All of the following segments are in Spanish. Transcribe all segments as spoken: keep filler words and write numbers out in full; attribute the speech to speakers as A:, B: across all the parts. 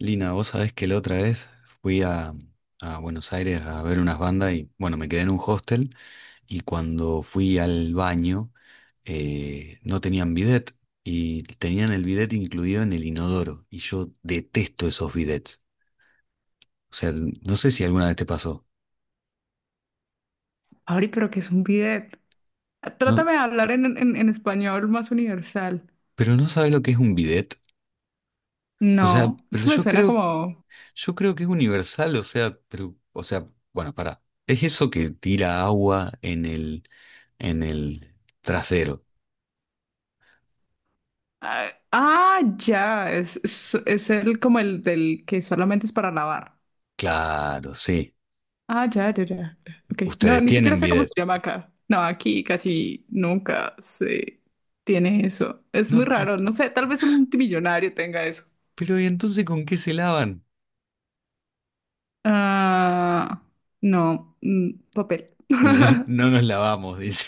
A: Lina, vos sabés que la otra vez fui a, a Buenos Aires a ver unas bandas y bueno, me quedé en un hostel y cuando fui al baño, eh, no tenían bidet y tenían el bidet incluido en el inodoro y yo detesto esos bidets. O sea, no sé si alguna vez te pasó.
B: Abri, pero ¿qué es un bidet?
A: No,
B: Trátame de hablar en, en- en español más universal.
A: pero no sabes lo que es un bidet. O sea,
B: No,
A: pero
B: eso me
A: yo
B: suena
A: creo,
B: como.
A: yo creo que es universal, o sea, pero, o sea, bueno, pará. Es eso que tira agua en el, en el trasero.
B: Ah, ah, ya, es, es, es el como el del que solamente es para lavar.
A: Claro, sí.
B: Ah, ya, ya, ya. Ok, no,
A: Ustedes
B: ni siquiera
A: tienen
B: sé cómo
A: bidet.
B: se llama acá. No, aquí casi nunca se tiene eso. Es
A: No,
B: muy
A: t-
B: raro,
A: t-
B: no sé, tal vez un multimillonario tenga eso.
A: pero ¿y entonces con qué se lavan?
B: Ah, no, mm, papel.
A: No, no no nos lavamos, dice.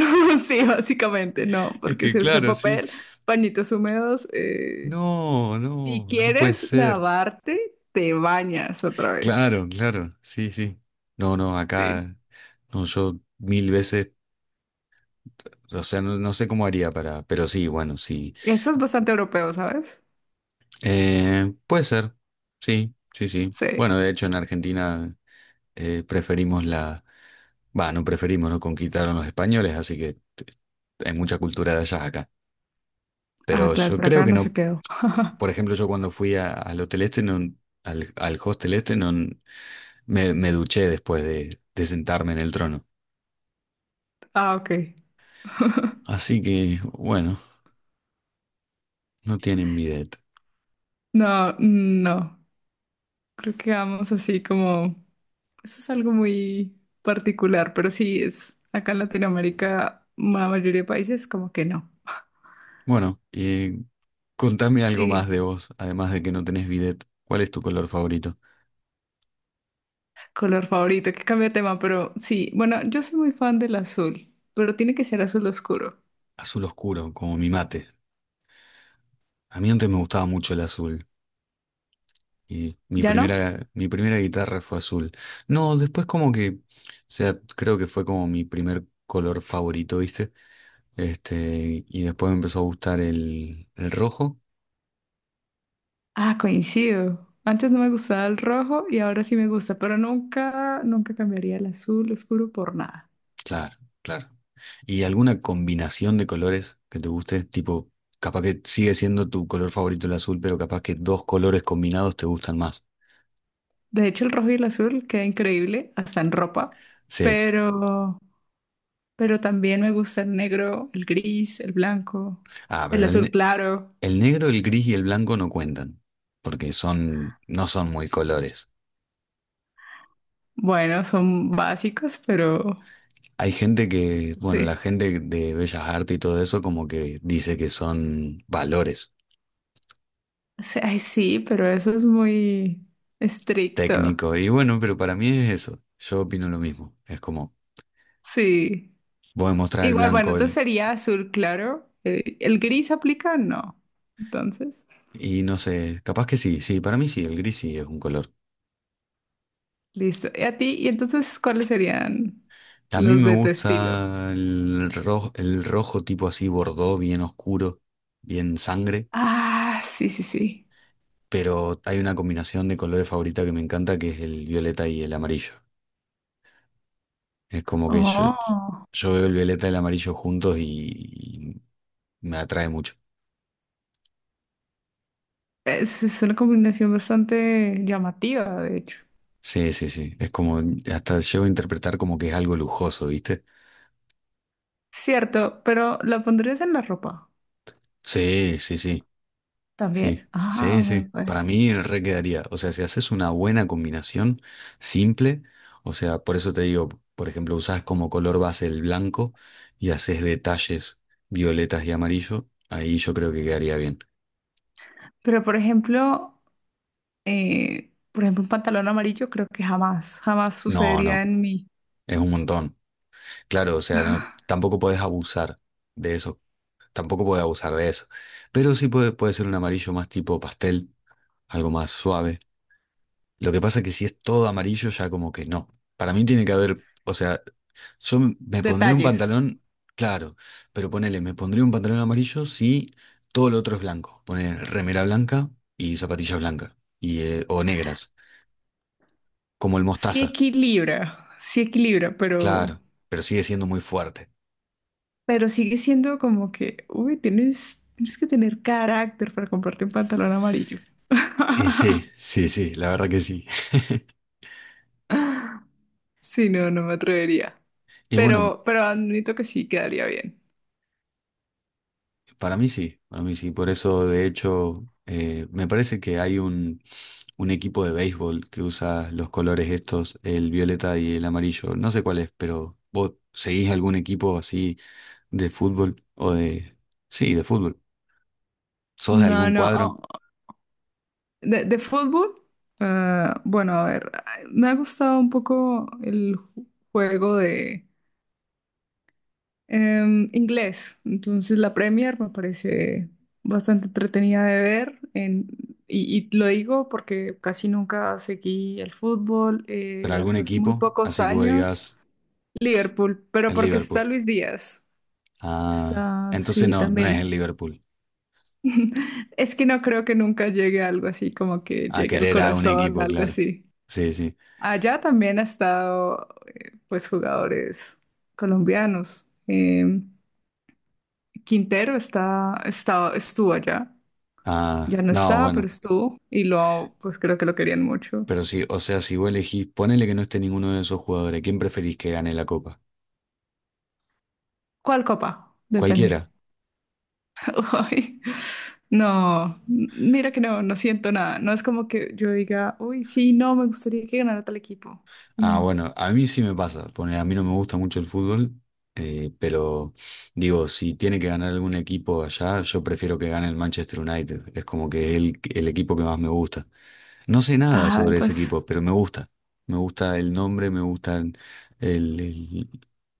B: Sí, básicamente, no,
A: Es
B: porque
A: que
B: si usa
A: claro, sí.
B: papel, pañitos húmedos, eh,
A: No,
B: si
A: no, no puede
B: quieres
A: ser.
B: lavarte, te bañas otra vez.
A: Claro, claro, sí, sí. No, no,
B: Sí.
A: acá, no, yo mil veces, o sea, no, no sé cómo haría para, pero sí, bueno, sí.
B: Eso es bastante europeo, ¿sabes?
A: Eh, puede ser, sí, sí, sí.
B: Sí.
A: Bueno, de hecho en Argentina, eh, preferimos la... Va, no preferimos, ¿no? Conquistaron los españoles, así que t- hay mucha cultura de allá acá.
B: Ah,
A: Pero
B: claro,
A: yo
B: por
A: creo
B: acá
A: que
B: no se
A: no,
B: quedó.
A: por ejemplo, yo cuando fui a- al hotel este, no, al, al hostel este, no, me, me duché después de, de sentarme en el trono.
B: Ah, ok.
A: Así que, bueno, no tienen bidet.
B: No, no. Creo que vamos así como. Eso es algo muy particular, pero sí es acá en Latinoamérica, la mayoría de países como que no.
A: Bueno, eh, contame algo
B: Sí.
A: más de vos, además de que no tenés bidet. ¿Cuál es tu color favorito?
B: Color favorito, que cambia de tema, pero sí, bueno, yo soy muy fan del azul, pero tiene que ser azul oscuro.
A: Azul oscuro, como mi mate. A mí antes me gustaba mucho el azul. Y mi
B: ¿Ya no?
A: primera, mi primera guitarra fue azul. No, después como que, o sea, creo que fue como mi primer color favorito, ¿viste? Este, y después me empezó a gustar el, el rojo.
B: Ah, coincido. Antes no me gustaba el rojo y ahora sí me gusta, pero nunca, nunca cambiaría el azul oscuro por nada.
A: Claro, claro. ¿Y alguna combinación de colores que te guste? Tipo, capaz que sigue siendo tu color favorito el azul, pero capaz que dos colores combinados te gustan más.
B: De hecho, el rojo y el azul queda increíble, hasta en ropa,
A: Sí.
B: pero, pero también me gusta el negro, el gris, el blanco,
A: Ah,
B: el
A: pero el,
B: azul
A: ne-
B: claro.
A: el negro, el gris y el blanco no cuentan, porque son, no son muy colores.
B: Bueno, son básicos, pero
A: Hay gente que, bueno, la
B: sí.
A: gente de Bellas Artes y todo eso como que dice que son valores
B: Sí, ay, sí, pero eso es muy estricto.
A: técnicos. Y bueno, pero para mí es eso. Yo opino lo mismo. Es como,
B: Sí.
A: voy a mostrar el
B: Igual, bueno,
A: blanco,
B: entonces
A: el,
B: sería azul claro. Eh, ¿El gris aplica? No. Entonces,
A: y no sé, capaz que sí, sí, para mí sí, el gris sí es un color.
B: listo. ¿Y a ti? ¿Y entonces cuáles serían
A: A mí
B: los
A: me
B: de tu estilo?
A: gusta el rojo, el rojo tipo así, bordó, bien oscuro, bien sangre,
B: Ah, sí, sí, sí.
A: pero hay una combinación de colores favorita que me encanta que es el violeta y el amarillo. Es como que yo,
B: Oh,
A: yo veo el violeta y el amarillo juntos y, y me atrae mucho.
B: es, es una combinación bastante llamativa, de hecho.
A: Sí, sí, sí. Es como, hasta llego a interpretar como que es algo lujoso, ¿viste?
B: Cierto, pero ¿la pondrías en la ropa
A: Sí, sí, sí, sí,
B: también?
A: sí,
B: Ah, vea,
A: sí. Para
B: pues.
A: mí re quedaría. O sea, si haces una buena combinación, simple, o sea, por eso te digo, por ejemplo, usás como color base el blanco y haces detalles violetas y amarillo, ahí yo creo que quedaría bien.
B: Pero, por ejemplo, eh, por ejemplo, un pantalón amarillo, creo que jamás, jamás
A: No,
B: sucedería
A: no,
B: en mí.
A: es un montón. Claro, o sea, no, tampoco podés abusar de eso, tampoco podés abusar de eso. Pero sí puede, puede ser un amarillo más tipo pastel, algo más suave. Lo que pasa es que si es todo amarillo, ya como que no. Para mí tiene que haber, o sea, yo m- me pondría un
B: Detalles.
A: pantalón, claro, pero ponele, me pondría un pantalón amarillo si todo lo otro es blanco. Poner remera blanca y zapatillas blancas, y, eh, o negras, como el
B: Sí
A: mostaza,
B: equilibra, sí equilibra, pero,
A: claro, pero sigue siendo muy fuerte.
B: pero sigue siendo como que, uy, tienes, tienes que tener carácter para comprarte un pantalón amarillo.
A: Y sí, sí, sí, la verdad que sí.
B: Sí, no, no me atrevería.
A: Y bueno,
B: Pero, pero admito que sí quedaría bien.
A: para mí sí, para mí sí. Por eso, de hecho, eh, me parece que hay un, un equipo de béisbol que usa los colores estos, el violeta y el amarillo. No sé cuál es, pero ¿vos seguís algún equipo así de fútbol o de...? Sí, de fútbol. ¿Sos de
B: No,
A: algún
B: no.
A: cuadro,
B: Oh, De, de fútbol, eh, bueno, a ver, me ha gustado un poco el ju- juego de Em, inglés, entonces la Premier me parece bastante entretenida de ver en- y, y lo digo porque casi nunca seguí el fútbol,
A: pero
B: eh,
A: algún
B: hasta hace muy
A: equipo?
B: pocos
A: Así que vos
B: años,
A: digas: "Ss,
B: Liverpool, pero
A: el
B: porque
A: Liverpool".
B: está Luis Díaz,
A: Ah,
B: está,
A: entonces
B: sí,
A: no, no
B: también.
A: es el Liverpool.
B: Es que no creo que nunca llegue a algo así, como que
A: A
B: llegue al
A: querer a un
B: corazón,
A: equipo,
B: algo
A: claro.
B: así.
A: Sí, sí.
B: Allá también ha estado, eh, pues, jugadores colombianos. Em, Quintero está, está, estuvo allá.
A: Ah,
B: Ya no
A: no,
B: está, pero
A: bueno.
B: estuvo. Y lo, pues creo que lo querían mucho.
A: Pero sí, o sea, si vos elegís, ponele que no esté ninguno de esos jugadores, ¿quién preferís que gane la copa?
B: ¿Cuál copa? Depende.
A: Cualquiera.
B: Ay, no, mira que no, no siento nada. No es como que yo diga, uy, sí, no, me gustaría que ganara tal equipo.
A: Ah,
B: No.
A: bueno, a mí sí me pasa, ponele, a mí no me gusta mucho el fútbol, eh, pero digo, si tiene que ganar algún equipo allá, yo prefiero que gane el Manchester United, es como que es el, el equipo que más me gusta. No sé nada
B: Ah,
A: sobre ese
B: pues
A: equipo, pero me gusta. Me gusta el nombre, me gustan el- el-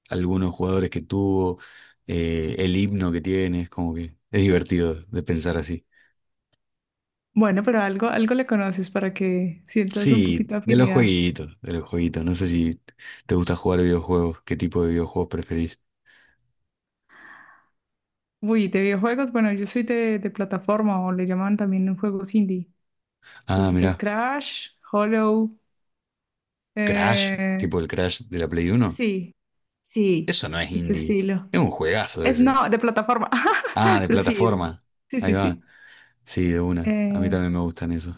A: algunos jugadores que tuvo, eh, el himno que tiene, es como que es divertido de pensar así.
B: bueno, pero algo, algo le conoces para que sientas un
A: Sí,
B: poquito de
A: de los
B: afinidad.
A: jueguitos, de los jueguitos. No sé si te gusta jugar videojuegos, qué tipo de videojuegos preferís.
B: Uy, de videojuegos, bueno, yo soy de, de plataforma o le llaman también en juegos indie.
A: Ah,
B: Entonces, de
A: mirá,
B: Crash, Hollow.
A: Crash,
B: eh,
A: tipo el Crash de la Play Uno.
B: Sí, sí,
A: Eso no es
B: ese
A: indie,
B: estilo.
A: es un juegazo
B: Es
A: ese.
B: no, de plataforma,
A: Ah, de
B: pero sí,
A: plataforma.
B: sí,
A: Ahí
B: sí,
A: va.
B: sí.
A: Sí, de una. A mí
B: Eh,
A: también me gustan esos.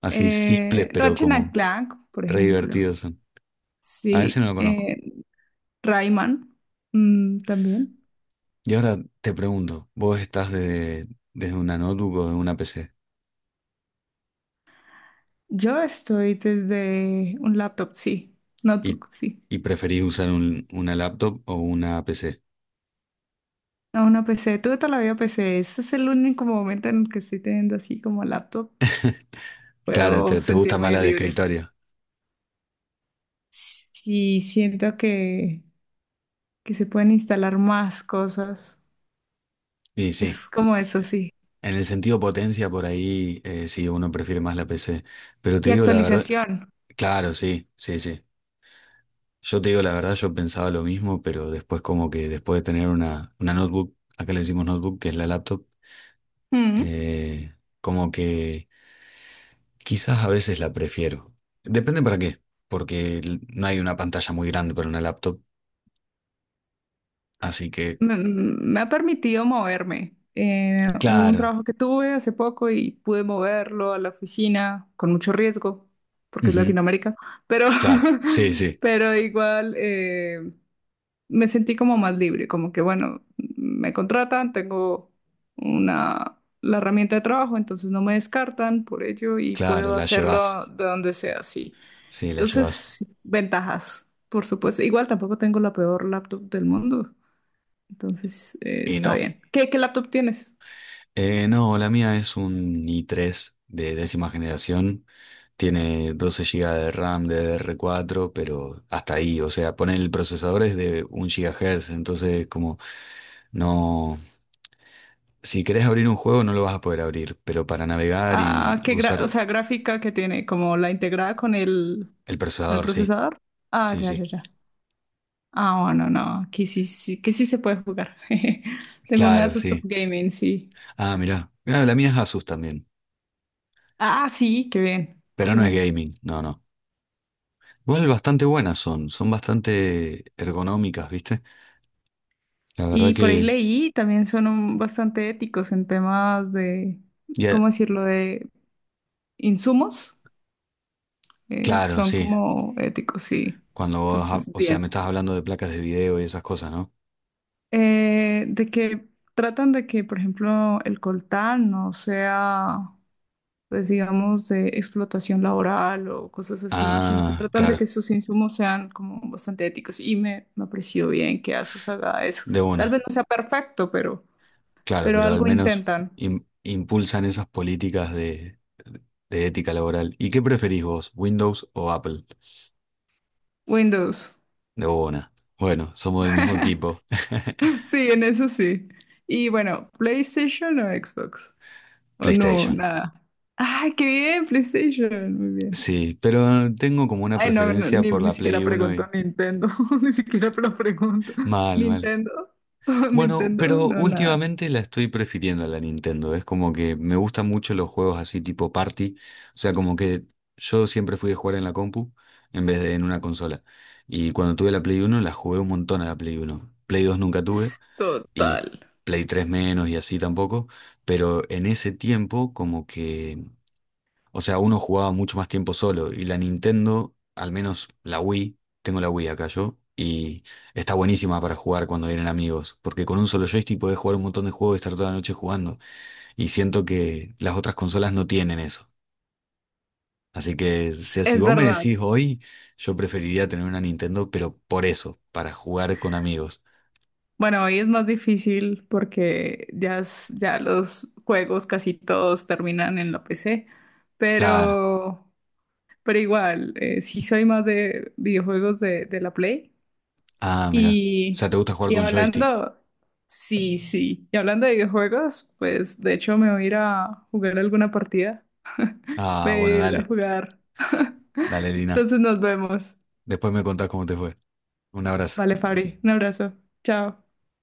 A: Así simples,
B: eh,
A: pero
B: Ratchet and
A: como
B: Clank, por
A: re
B: ejemplo.
A: divertidos son. A ese no
B: Sí,
A: lo conozco.
B: eh, Rayman, mm, también.
A: Y ahora te pregunto, ¿vos estás desde, desde una notebook o de una pe ce
B: Yo estoy desde un laptop, sí,
A: y,
B: notebook, sí.
A: y preferís usar un- una laptop o una pe ce?
B: A una P C, tuve toda la vida P C. Este es el único momento en el que estoy teniendo así como laptop.
A: Claro,
B: Puedo
A: te, te gusta más
B: sentirme
A: la de
B: libre.
A: escritorio.
B: Sí, siento que, que se pueden instalar más cosas.
A: Y sí,
B: Es como eso, sí.
A: en el sentido potencia por ahí, eh, sí, uno prefiere más la pe ce. Pero te
B: Y
A: digo la verdad,
B: actualización.
A: claro, sí, sí, sí. Yo te digo la verdad, yo pensaba lo mismo, pero después como que después de tener una, una notebook, acá le decimos notebook, que es la laptop,
B: Mm.
A: eh, como que quizás a veces la prefiero. Depende para qué, porque l- no hay una pantalla muy grande para una laptop. Así que,
B: Me, me ha permitido moverme. Eh, hubo un
A: claro,
B: trabajo que tuve hace poco y pude moverlo a la oficina con mucho riesgo, porque es
A: ujú,
B: Latinoamérica, pero,
A: claro, sí, sí,
B: pero igual. Eh, me sentí como más libre, como que bueno, me contratan, tengo una, la herramienta de trabajo, entonces no me descartan por ello y
A: claro,
B: puedo
A: la llevas.
B: hacerlo de donde sea, sí.
A: Sí, la
B: Entonces,
A: llevas.
B: sí, ventajas, por supuesto. Igual tampoco tengo la peor laptop del mundo, entonces eh,
A: Y
B: está
A: no.
B: bien. ¿Qué, qué laptop tienes?
A: Eh, no, la mía es un i tres de décima generación. Tiene doce gigas de RAM de D D R cuatro, pero hasta ahí. O sea, poner el procesador es de un GHz. Entonces, como no. Si querés abrir un juego, no lo vas a poder abrir. Pero para navegar y
B: Ah, ¿qué gra- o
A: usar
B: sea, gráfica que tiene, como la integrada con el,
A: el
B: con el
A: procesador, sí.
B: procesador. Ah,
A: Sí,
B: ya,
A: sí.
B: ya, ya. Ah, bueno, no, que sí, sí, que sí se puede jugar. Tengo un
A: Claro,
B: Asus Top
A: sí.
B: Gaming, sí.
A: Ah, mirá. Mirá, la mía es Asus también.
B: Ah, ah, sí, qué bien,
A: Pero
B: qué
A: no es
B: bien.
A: gaming. No, no. Igual bastante buenas son. Son bastante ergonómicas, ¿viste? La verdad
B: Y por ahí
A: que.
B: leí, también son un- bastante éticos en temas de,
A: Y a-
B: ¿cómo decirlo?, de insumos. Eh,
A: Claro,
B: son
A: sí.
B: como éticos, sí.
A: Cuando vos, ha-
B: Entonces,
A: o sea,
B: bien.
A: me estás hablando de placas de video y esas cosas, ¿no?
B: Eh, de que tratan de que, por ejemplo, el coltán no sea pues digamos, de explotación laboral o cosas así, sino que
A: Ah,
B: tratan de
A: claro,
B: que sus insumos sean como bastante éticos. Y me, me apreció bien que ASUS haga eso.
A: de
B: Tal
A: una.
B: vez no sea perfecto, pero,
A: Claro,
B: pero
A: pero al
B: algo
A: menos
B: intentan.
A: im- impulsan esas políticas de, de, ética laboral. ¿Y qué preferís vos, Windows o Apple?
B: Windows.
A: De una. Bueno, somos del mismo equipo.
B: Sí, en eso sí. Y bueno, ¿PlayStation o Xbox? O no,
A: PlayStation.
B: nada. ¡Ay, qué bien! PlayStation, muy bien.
A: Sí, pero tengo como una
B: Ay, no, no,
A: preferencia
B: ni,
A: por
B: ni
A: la Play
B: siquiera
A: uno
B: pregunto
A: y...
B: Nintendo, ni siquiera lo pregunto.
A: Mal, mal.
B: ¿Nintendo?
A: Bueno,
B: ¿Nintendo?
A: pero
B: No, nada.
A: últimamente la estoy prefiriendo a la Nintendo. Es como que me gustan mucho los juegos así tipo party. O sea, como que yo siempre fui de jugar en la compu en vez de en una consola. Y cuando tuve la Play Uno la jugué un montón a la Play Uno, Play Dos nunca tuve y
B: Total.
A: Play Tres menos y así tampoco. Pero en ese tiempo como que, o sea, uno jugaba mucho más tiempo solo y la Nintendo, al menos la Wii, tengo la Wii acá yo, y está buenísima para jugar cuando vienen amigos, porque con un solo joystick podés jugar un montón de juegos y estar toda la noche jugando, y siento que las otras consolas no tienen eso. Así que, o
B: Es
A: sea, si
B: es
A: vos me
B: verdad.
A: decís hoy, yo preferiría tener una Nintendo, pero por eso, para jugar con amigos.
B: Bueno, hoy es más difícil porque ya, es- ya los juegos casi todos terminan en la P C,
A: Claro.
B: pero, pero igual, eh, sí soy más de videojuegos de, de la Play.
A: Ah, mira. O sea,
B: Y,
A: ¿te gusta jugar
B: y
A: con joystick?
B: hablando, sí, sí, y hablando de videojuegos, pues de hecho me voy a ir a jugar alguna partida.
A: Ah,
B: Voy a
A: bueno,
B: ir a
A: dale.
B: jugar.
A: Dale, Lina.
B: Entonces nos vemos.
A: Después me contás cómo te fue. Un abrazo.
B: Vale, Fabri, un abrazo. Chao.